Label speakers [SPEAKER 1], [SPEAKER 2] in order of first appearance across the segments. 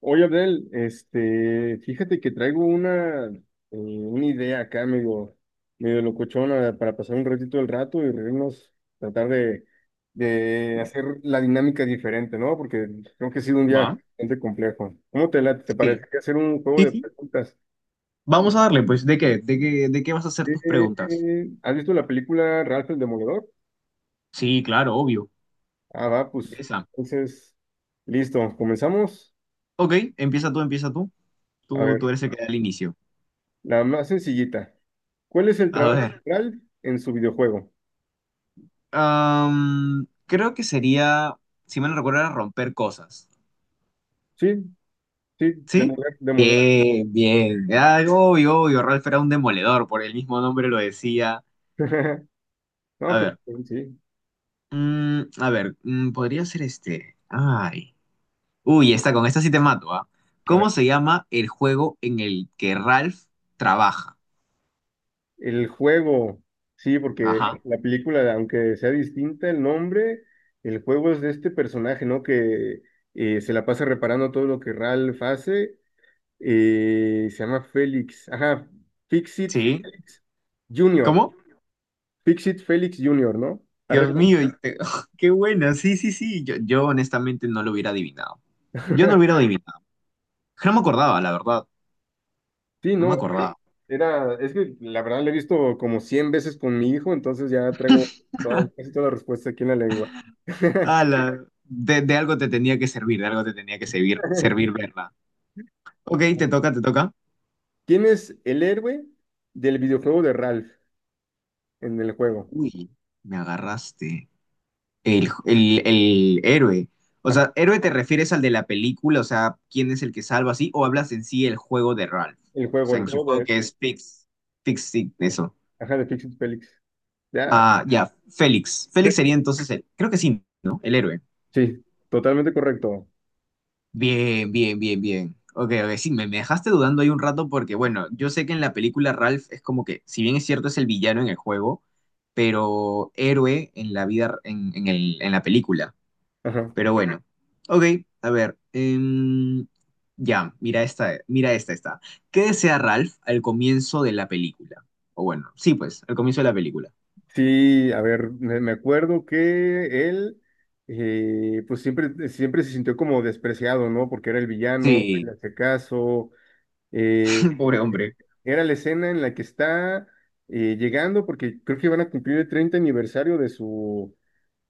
[SPEAKER 1] Oye, Abdel, este, fíjate que traigo una idea acá, medio locochona, para pasar un ratito el rato y reírnos, tratar de hacer la dinámica diferente, ¿no? Porque creo que ha sido un
[SPEAKER 2] Va,
[SPEAKER 1] día bastante complejo. ¿Cómo te late? ¿Te
[SPEAKER 2] sí,
[SPEAKER 1] parece que hacer un juego
[SPEAKER 2] sí,
[SPEAKER 1] de
[SPEAKER 2] sí.
[SPEAKER 1] preguntas?
[SPEAKER 2] Vamos a darle, pues, ¿de qué? ¿De qué vas a hacer tus preguntas?
[SPEAKER 1] ¿Has visto la película Ralph el Demoledor?
[SPEAKER 2] Sí, claro, obvio.
[SPEAKER 1] Ah, va, pues,
[SPEAKER 2] Esa.
[SPEAKER 1] entonces, listo, comenzamos.
[SPEAKER 2] Ok, empieza tú, empieza tú.
[SPEAKER 1] A
[SPEAKER 2] Tú
[SPEAKER 1] ver,
[SPEAKER 2] eres el que da el inicio.
[SPEAKER 1] la más sencillita. ¿Cuál es el
[SPEAKER 2] A
[SPEAKER 1] trabajo
[SPEAKER 2] ver.
[SPEAKER 1] central en su videojuego?
[SPEAKER 2] Creo que sería, si me recuerdo, era romper cosas.
[SPEAKER 1] Sí, sí,
[SPEAKER 2] ¿Sí?
[SPEAKER 1] demoler, demoler.
[SPEAKER 2] Bien, bien. Ah, obvio, obvio. Ralph era un demoledor, por el mismo nombre lo decía.
[SPEAKER 1] No,
[SPEAKER 2] A
[SPEAKER 1] pues
[SPEAKER 2] ver.
[SPEAKER 1] sí, sí.
[SPEAKER 2] A ver, podría ser este. Ay. Uy, esta, con esta sí te mato, ¿ah?
[SPEAKER 1] A
[SPEAKER 2] ¿Cómo
[SPEAKER 1] ver,
[SPEAKER 2] se llama el juego en el que Ralph trabaja?
[SPEAKER 1] el juego, sí, porque
[SPEAKER 2] Ajá.
[SPEAKER 1] la película, aunque sea distinta el nombre, el juego es de este personaje, ¿no? Que se la pasa reparando todo lo que Ralph hace. Se llama Félix, ajá, Fixit
[SPEAKER 2] ¿Sí?
[SPEAKER 1] Félix Jr.,
[SPEAKER 2] ¿Cómo?
[SPEAKER 1] Fixit Félix Junior, ¿no?
[SPEAKER 2] Dios mío, qué buena. Sí, sí, sí. Yo honestamente no lo hubiera adivinado. Yo no lo hubiera adivinado. No me acordaba, la verdad.
[SPEAKER 1] Sí,
[SPEAKER 2] No
[SPEAKER 1] no,
[SPEAKER 2] me acordaba.
[SPEAKER 1] es que la verdad lo he visto como 100 veces con mi hijo, entonces ya traigo casi toda la respuesta aquí en la lengua.
[SPEAKER 2] Ala, de algo te tenía que servir, de algo te tenía que servir verla. Ok, te toca, te toca.
[SPEAKER 1] ¿Quién es el héroe del videojuego de Ralph en el juego?
[SPEAKER 2] Uy, me agarraste. El héroe. O
[SPEAKER 1] Ajá,
[SPEAKER 2] sea, héroe te refieres al de la película, o sea, quién es el que salva así, o hablas en sí el juego de Ralph.
[SPEAKER 1] el
[SPEAKER 2] O
[SPEAKER 1] juego,
[SPEAKER 2] sea,
[SPEAKER 1] el
[SPEAKER 2] en su
[SPEAKER 1] juego
[SPEAKER 2] juego que es Fix, Fix, sí, eso.
[SPEAKER 1] ajá, de Fix It Felix. Ya,
[SPEAKER 2] Ah, ya, Félix. Félix sería entonces el, creo que sí, ¿no? El héroe.
[SPEAKER 1] sí, totalmente correcto.
[SPEAKER 2] Bien, bien, bien, bien. Ok, ok, sí, me dejaste dudando ahí un rato porque, bueno, yo sé que en la película Ralph es como que, si bien es cierto, es el villano en el juego, pero héroe en la vida, en la película.
[SPEAKER 1] Ajá.
[SPEAKER 2] Pero bueno, ok, a ver. Ya, mira esta, esta. ¿Qué desea Ralph al comienzo de la película? O bueno, sí, pues, al comienzo de la película.
[SPEAKER 1] Sí, a ver, me acuerdo que él, pues siempre, siempre se sintió como despreciado, ¿no? Porque era el villano, le
[SPEAKER 2] Sí,
[SPEAKER 1] hace caso. Eh,
[SPEAKER 2] pobre hombre.
[SPEAKER 1] Era la escena en la que está llegando, porque creo que van a cumplir el 30 aniversario de su,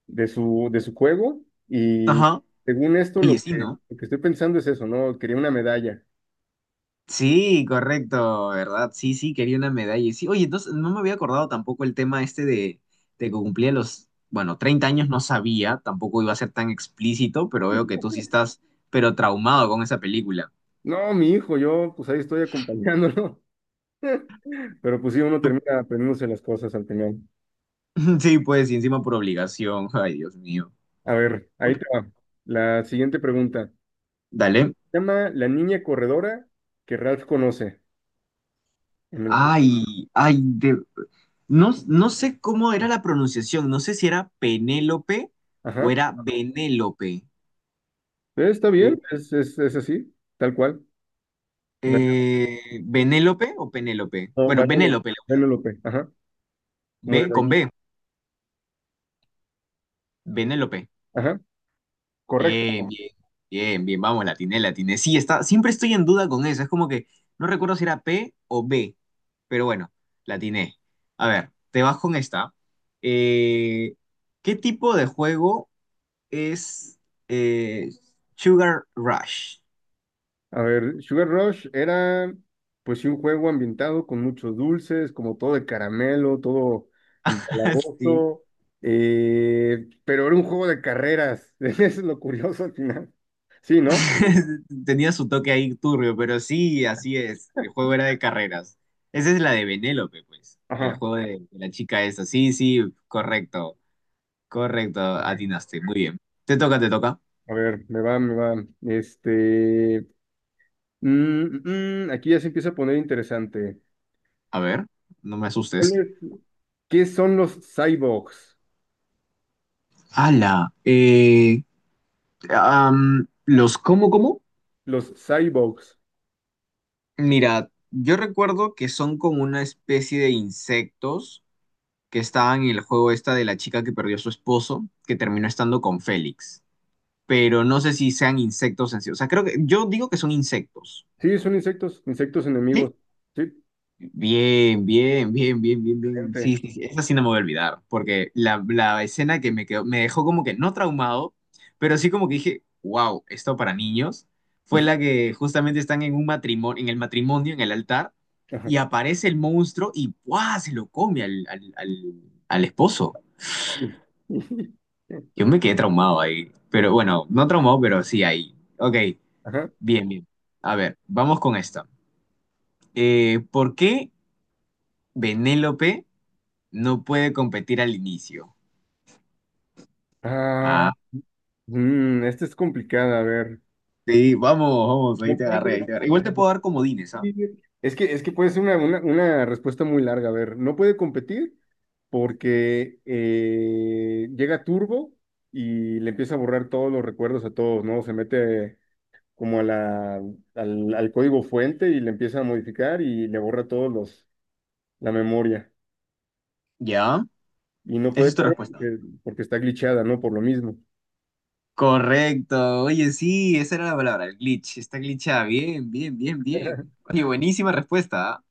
[SPEAKER 1] de su, de su juego, y
[SPEAKER 2] Ajá.
[SPEAKER 1] según esto,
[SPEAKER 2] Oye,
[SPEAKER 1] lo
[SPEAKER 2] sí,
[SPEAKER 1] que,
[SPEAKER 2] ¿no?
[SPEAKER 1] lo que estoy pensando es eso, ¿no? Quería una medalla.
[SPEAKER 2] Sí, correcto, ¿verdad? Sí, sí, quería una medalla. Sí, oye, entonces no me había acordado tampoco el tema este de que cumplía los, bueno, 30 años no sabía, tampoco iba a ser tan explícito, pero veo que tú sí estás, pero traumado con esa película.
[SPEAKER 1] No, mi hijo, yo pues ahí estoy acompañándolo, pero pues sí, uno termina aprendiéndose las cosas al final.
[SPEAKER 2] Sí, pues, y encima por obligación. Ay, Dios mío.
[SPEAKER 1] A ver, ahí te va. La siguiente pregunta.
[SPEAKER 2] Dale.
[SPEAKER 1] Se llama la niña corredora que Ralph conoce en el juego.
[SPEAKER 2] Ay, ay, no sé cómo era la pronunciación. No sé si era Penélope o
[SPEAKER 1] Ajá.
[SPEAKER 2] era Benélope.
[SPEAKER 1] Está bien,
[SPEAKER 2] Eh,
[SPEAKER 1] es así, tal cual.
[SPEAKER 2] ¿Benélope o Penélope?
[SPEAKER 1] No,
[SPEAKER 2] Bueno,
[SPEAKER 1] Vanellope,
[SPEAKER 2] Benélope.
[SPEAKER 1] Vanellope, ajá, como de
[SPEAKER 2] B con
[SPEAKER 1] vainilla.
[SPEAKER 2] B. Benélope.
[SPEAKER 1] Ajá,
[SPEAKER 2] Bien,
[SPEAKER 1] correcto.
[SPEAKER 2] bien, bien, bien, vamos, la atiné, la atiné. Sí, está, siempre estoy en duda con eso, es como que no recuerdo si era P o B, pero bueno, la atiné. A ver, te vas con esta. Eh, ¿Qué tipo de juego es eh, Sugar Rush?
[SPEAKER 1] A ver, Sugar Rush era pues sí un juego ambientado con muchos dulces, como todo de caramelo, todo
[SPEAKER 2] Sí,
[SPEAKER 1] empalagoso, pero era un juego de carreras, eso es lo curioso al final. Sí, ¿no?
[SPEAKER 2] tenía su toque ahí turbio, pero sí, así es, el juego era de carreras. Esa es la de Benélope, pues, el
[SPEAKER 1] Ajá.
[SPEAKER 2] juego de la chica esa, sí, sí, correcto. Correcto, atinaste. Muy bien. Te toca, te toca.
[SPEAKER 1] A ver, me va, me va. Este, aquí ya se empieza a poner interesante.
[SPEAKER 2] A ver, no me
[SPEAKER 1] ¿Cuál
[SPEAKER 2] asustes.
[SPEAKER 1] es- ¿Qué son los cyborgs?
[SPEAKER 2] ¡Hala! ¿Los cómo, cómo?
[SPEAKER 1] Los cyborgs.
[SPEAKER 2] Mira, yo recuerdo que son como una especie de insectos que estaban en el juego esta de la chica que perdió a su esposo, que terminó estando con Félix. Pero no sé si sean insectos en sí. O sea, creo que yo digo que son insectos.
[SPEAKER 1] Sí, son insectos, insectos enemigos.
[SPEAKER 2] ¿Sí?
[SPEAKER 1] Sí,
[SPEAKER 2] Bien, bien, bien, bien, bien, bien. Sí,
[SPEAKER 1] gente.
[SPEAKER 2] sí, sí, esa sí no me voy a olvidar, porque la escena que me quedó, me dejó como que no traumado, pero sí como que dije, wow, esto para niños, fue la que justamente están en un matrimonio, en el altar,
[SPEAKER 1] Ajá.
[SPEAKER 2] y aparece el monstruo y ¡guau! Se lo come al esposo. Yo me quedé traumado ahí, pero bueno, no traumado, pero sí ahí. Ok,
[SPEAKER 1] Ajá.
[SPEAKER 2] bien, bien. A ver, vamos con esta. ¿Por qué Benélope? No puede competir al inicio.
[SPEAKER 1] Ah,
[SPEAKER 2] Ah,
[SPEAKER 1] esta es complicada, a ver.
[SPEAKER 2] no, sí, vamos, vamos, ahí
[SPEAKER 1] No
[SPEAKER 2] te agarré,
[SPEAKER 1] puede
[SPEAKER 2] ahí te agarré. Igual te puedo dar comodines, ¿ah?
[SPEAKER 1] competir. Es que puede ser una respuesta muy larga, a ver. No puede competir porque llega Turbo y le empieza a borrar todos los recuerdos a todos, ¿no? Se mete como al código fuente y le empieza a modificar y le borra todos la memoria,
[SPEAKER 2] ¿Ya?
[SPEAKER 1] y no
[SPEAKER 2] Esa
[SPEAKER 1] puede
[SPEAKER 2] es tu
[SPEAKER 1] correr
[SPEAKER 2] respuesta.
[SPEAKER 1] porque está glitchada, ¿no? Por lo mismo.
[SPEAKER 2] Correcto. Oye, sí, esa era la palabra, el glitch. Está glitchada. Bien, bien, bien, bien. Oye, buenísima respuesta, ¿ah?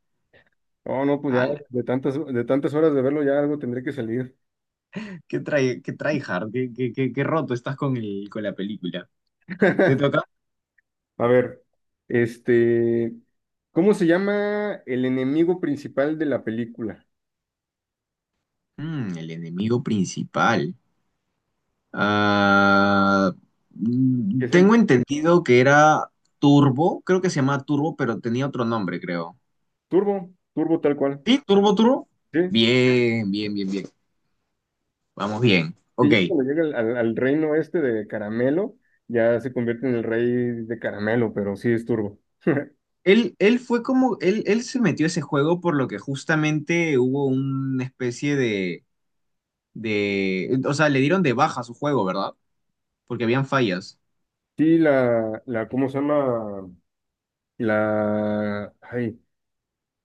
[SPEAKER 1] Oh, no, pues ya
[SPEAKER 2] Ala,
[SPEAKER 1] de tantas, horas de verlo ya algo tendré que salir.
[SPEAKER 2] qué trae, qué tryhard, qué roto estás con el, con la película. ¿Te toca?
[SPEAKER 1] A ver, este, ¿cómo se llama el enemigo principal de la película?
[SPEAKER 2] Mm, el enemigo principal. Ah,
[SPEAKER 1] Es el
[SPEAKER 2] tengo entendido que era Turbo, creo que se llama Turbo, pero tenía otro nombre, creo.
[SPEAKER 1] Turbo, Turbo tal cual.
[SPEAKER 2] Sí, Turbo Turbo.
[SPEAKER 1] Sí,
[SPEAKER 2] Bien, bien, bien, bien. Vamos bien.
[SPEAKER 1] sí,
[SPEAKER 2] Ok.
[SPEAKER 1] ya cuando llega al reino este de Caramelo, ya se convierte en el rey de Caramelo, pero sí es Turbo.
[SPEAKER 2] Él fue como, él se metió a ese juego por lo que justamente hubo una especie de, o sea, le dieron de baja a su juego, ¿verdad? Porque habían fallas.
[SPEAKER 1] Sí, ¿cómo se llama? La, ay,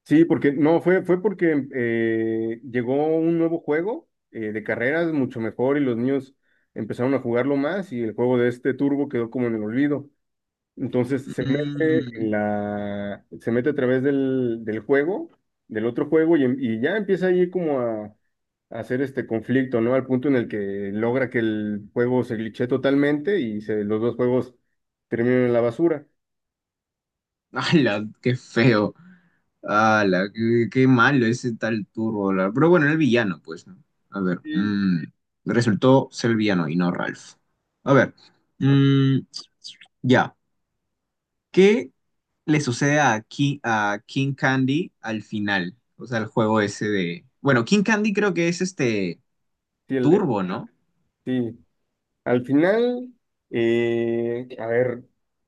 [SPEAKER 1] Sí, porque no, fue porque llegó un nuevo juego de carreras mucho mejor y los niños empezaron a jugarlo más y el juego de este Turbo quedó como en el olvido. Entonces se mete
[SPEAKER 2] Mm.
[SPEAKER 1] se mete a través del juego, del otro juego y ya empieza ahí como a hacer este conflicto, ¿no? Al punto en el que logra que el juego se glitche totalmente y los dos juegos terminan en la basura.
[SPEAKER 2] ¡Hala! ¡Qué feo! ¡Hala! Qué malo ese tal Turbo! Pero bueno, era el villano, pues, ¿no? A ver.
[SPEAKER 1] Sí,
[SPEAKER 2] Resultó ser el villano y no Ralph. A ver. mm, ya. ¿Qué le sucede a King Candy al final? O sea, el juego ese de. Bueno, King Candy creo que es este
[SPEAKER 1] sí,
[SPEAKER 2] Turbo, ¿no?
[SPEAKER 1] sí, al final, a ver,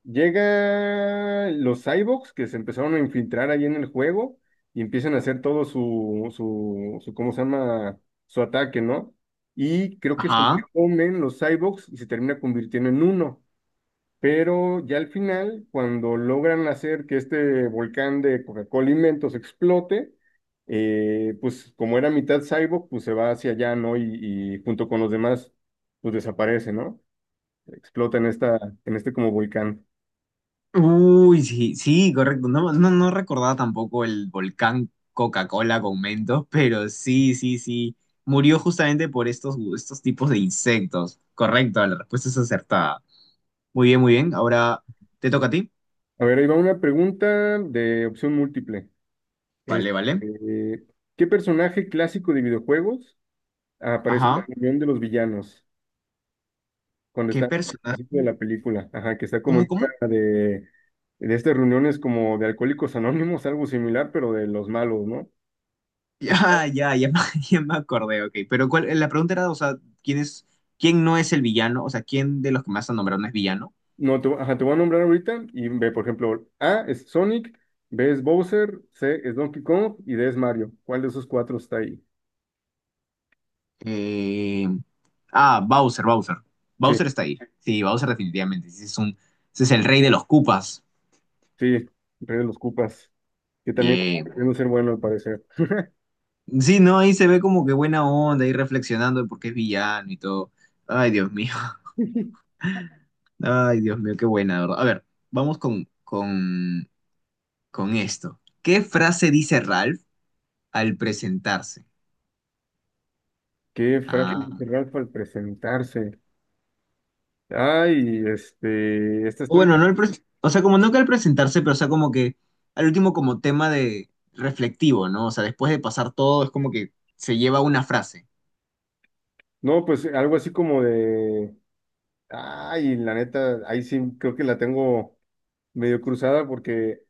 [SPEAKER 1] llega los cyborgs que se empezaron a infiltrar ahí en el juego y empiezan a hacer todo su ¿cómo se llama? Su ataque, ¿no? Y creo que se lo
[SPEAKER 2] Ajá.
[SPEAKER 1] comen los cyborgs y se termina convirtiendo en uno. Pero ya al final, cuando logran hacer que este volcán de Coca-Cola Inventos explote, pues como era mitad cyborg, pues se va hacia allá, ¿no? Y junto con los demás, pues desaparece, ¿no? Explota en este como volcán.
[SPEAKER 2] Uy, sí, sí, correcto. No, no, no recordaba tampoco el volcán Coca-Cola con Mentos, pero sí, sí, sí. Murió justamente por estos tipos de insectos. Correcto, la respuesta es acertada. Muy bien, muy bien. Ahora te toca a ti.
[SPEAKER 1] A ver, ahí va una pregunta de opción múltiple.
[SPEAKER 2] Vale, vale.
[SPEAKER 1] Este, ¿qué personaje clásico de videojuegos aparece en la
[SPEAKER 2] Ajá.
[SPEAKER 1] reunión de los villanos cuando
[SPEAKER 2] ¿Qué
[SPEAKER 1] está al
[SPEAKER 2] personaje?
[SPEAKER 1] principio de la película? Ajá, que está como
[SPEAKER 2] ¿Cómo,
[SPEAKER 1] en
[SPEAKER 2] cómo?
[SPEAKER 1] una de estas reuniones como de Alcohólicos Anónimos, algo similar, pero de los malos, ¿no? Está-
[SPEAKER 2] Ya, ya, ya, ya me acordé, ok. Pero cuál, la pregunta era, o sea, ¿quién es, quién no es el villano? O sea, ¿quién de los que más han nombrado no es villano?
[SPEAKER 1] no, ajá, te voy a nombrar ahorita y ve, por ejemplo, A es Sonic, B es Bowser, C es Donkey Kong y D es Mario. ¿Cuál de esos cuatro está ahí?
[SPEAKER 2] Eh, Bowser, Bowser.
[SPEAKER 1] Sí.
[SPEAKER 2] Bowser está ahí. Sí, Bowser definitivamente. Ese es un, ese es el rey de los cupas.
[SPEAKER 1] Sí, Rey de los Cupas, que también está
[SPEAKER 2] Bien.
[SPEAKER 1] queriendo ser bueno al parecer.
[SPEAKER 2] Sí, no, ahí se ve como que buena onda, ahí reflexionando de por qué es villano y todo. Ay, Dios mío. Ay, Dios mío, qué buena, de ¿verdad? A ver, vamos con esto. ¿Qué frase dice Ralph al presentarse?
[SPEAKER 1] ¿Qué frase
[SPEAKER 2] Ah.
[SPEAKER 1] dice Ralph al presentarse? Ay, este, esta
[SPEAKER 2] O
[SPEAKER 1] está.
[SPEAKER 2] bueno, no o sea, como no que al presentarse, pero o sea, como que al último como tema de reflectivo, ¿no? O sea, después de pasar todo, es como que se lleva una frase.
[SPEAKER 1] No, pues algo así como de. Ay, la neta, ahí sí creo que la tengo medio cruzada porque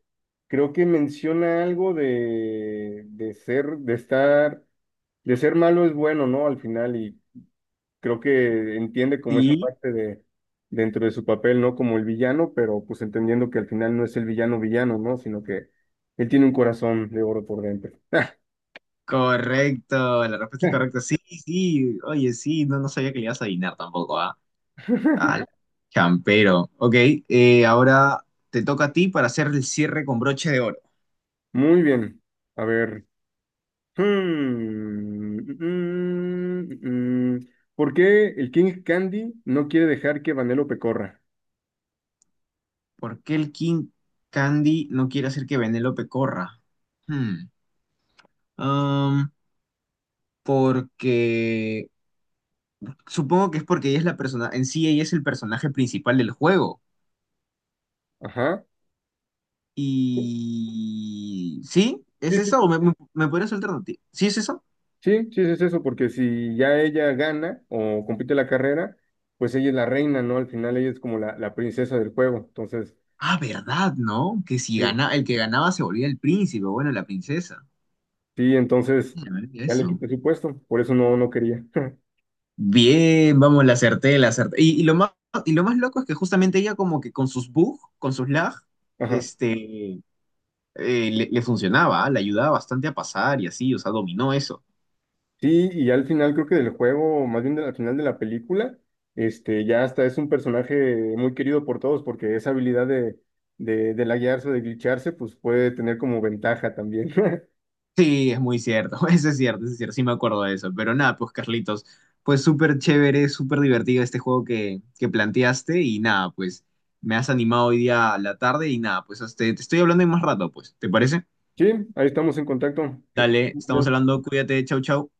[SPEAKER 1] creo que menciona algo de ser, de estar, de ser malo es bueno, ¿no? Al final, y creo que entiende como esa
[SPEAKER 2] Sí,
[SPEAKER 1] parte de dentro de su papel, ¿no? Como el villano, pero pues entendiendo que al final no es el villano villano, ¿no? Sino que él tiene un corazón de oro por dentro.
[SPEAKER 2] correcto, la respuesta es correcta. Sí, sí, oye, sí, no sabía que le ibas a adivinar tampoco, ¿ah? Al champero. Ok, ahora te toca a ti para hacer el cierre con broche de oro.
[SPEAKER 1] Muy bien. A ver. Hmm, mm, mm. Mm. ¿Por qué el King Candy no quiere dejar que Vanellope corra?
[SPEAKER 2] ¿Por qué el King Candy no quiere hacer que Pecorra? ¿Corra? Hmm. Um, Porque supongo que es porque ella es la persona, en sí ella es el personaje principal del juego.
[SPEAKER 1] Ajá. Sí,
[SPEAKER 2] Y... ¿Sí? ¿Es
[SPEAKER 1] sí, sí,
[SPEAKER 2] eso? ¿O me, me podrías alternativa? ¿Sí es eso?
[SPEAKER 1] sí, sí, es eso, porque si ya ella gana o compite la carrera, pues ella es la reina, ¿no? Al final ella es como la princesa del juego. Entonces,
[SPEAKER 2] Ah, ¿verdad, no? Que si
[SPEAKER 1] sí,
[SPEAKER 2] gana, el que ganaba se volvía el príncipe, bueno, la princesa.
[SPEAKER 1] sí,
[SPEAKER 2] Se me olvidó
[SPEAKER 1] ya le
[SPEAKER 2] eso.
[SPEAKER 1] quité su puesto, por eso no, no quería.
[SPEAKER 2] Bien, vamos, la acerté, la acerté. Y lo más, y lo más, loco es que justamente ella como que con sus bugs, con sus lag,
[SPEAKER 1] Ajá.
[SPEAKER 2] este, le funcionaba, ¿ah? Le ayudaba bastante a pasar y así, o sea, dominó eso.
[SPEAKER 1] Sí, y al final creo que del juego, o más bien al final de la película, este, ya hasta es un personaje muy querido por todos, porque esa habilidad de laguearse, de glitcharse, pues puede tener como ventaja también.
[SPEAKER 2] Sí, es muy cierto, eso es cierto, sí me acuerdo de eso. Pero nada, pues Carlitos, pues súper chévere, súper divertido este juego que planteaste y nada, pues me has animado hoy día a la tarde y nada, pues te estoy hablando en más rato, pues, ¿te parece?
[SPEAKER 1] Sí, ahí estamos en contacto. Que estés
[SPEAKER 2] Dale,
[SPEAKER 1] muy
[SPEAKER 2] estamos
[SPEAKER 1] bien.
[SPEAKER 2] hablando, cuídate, chau, chau.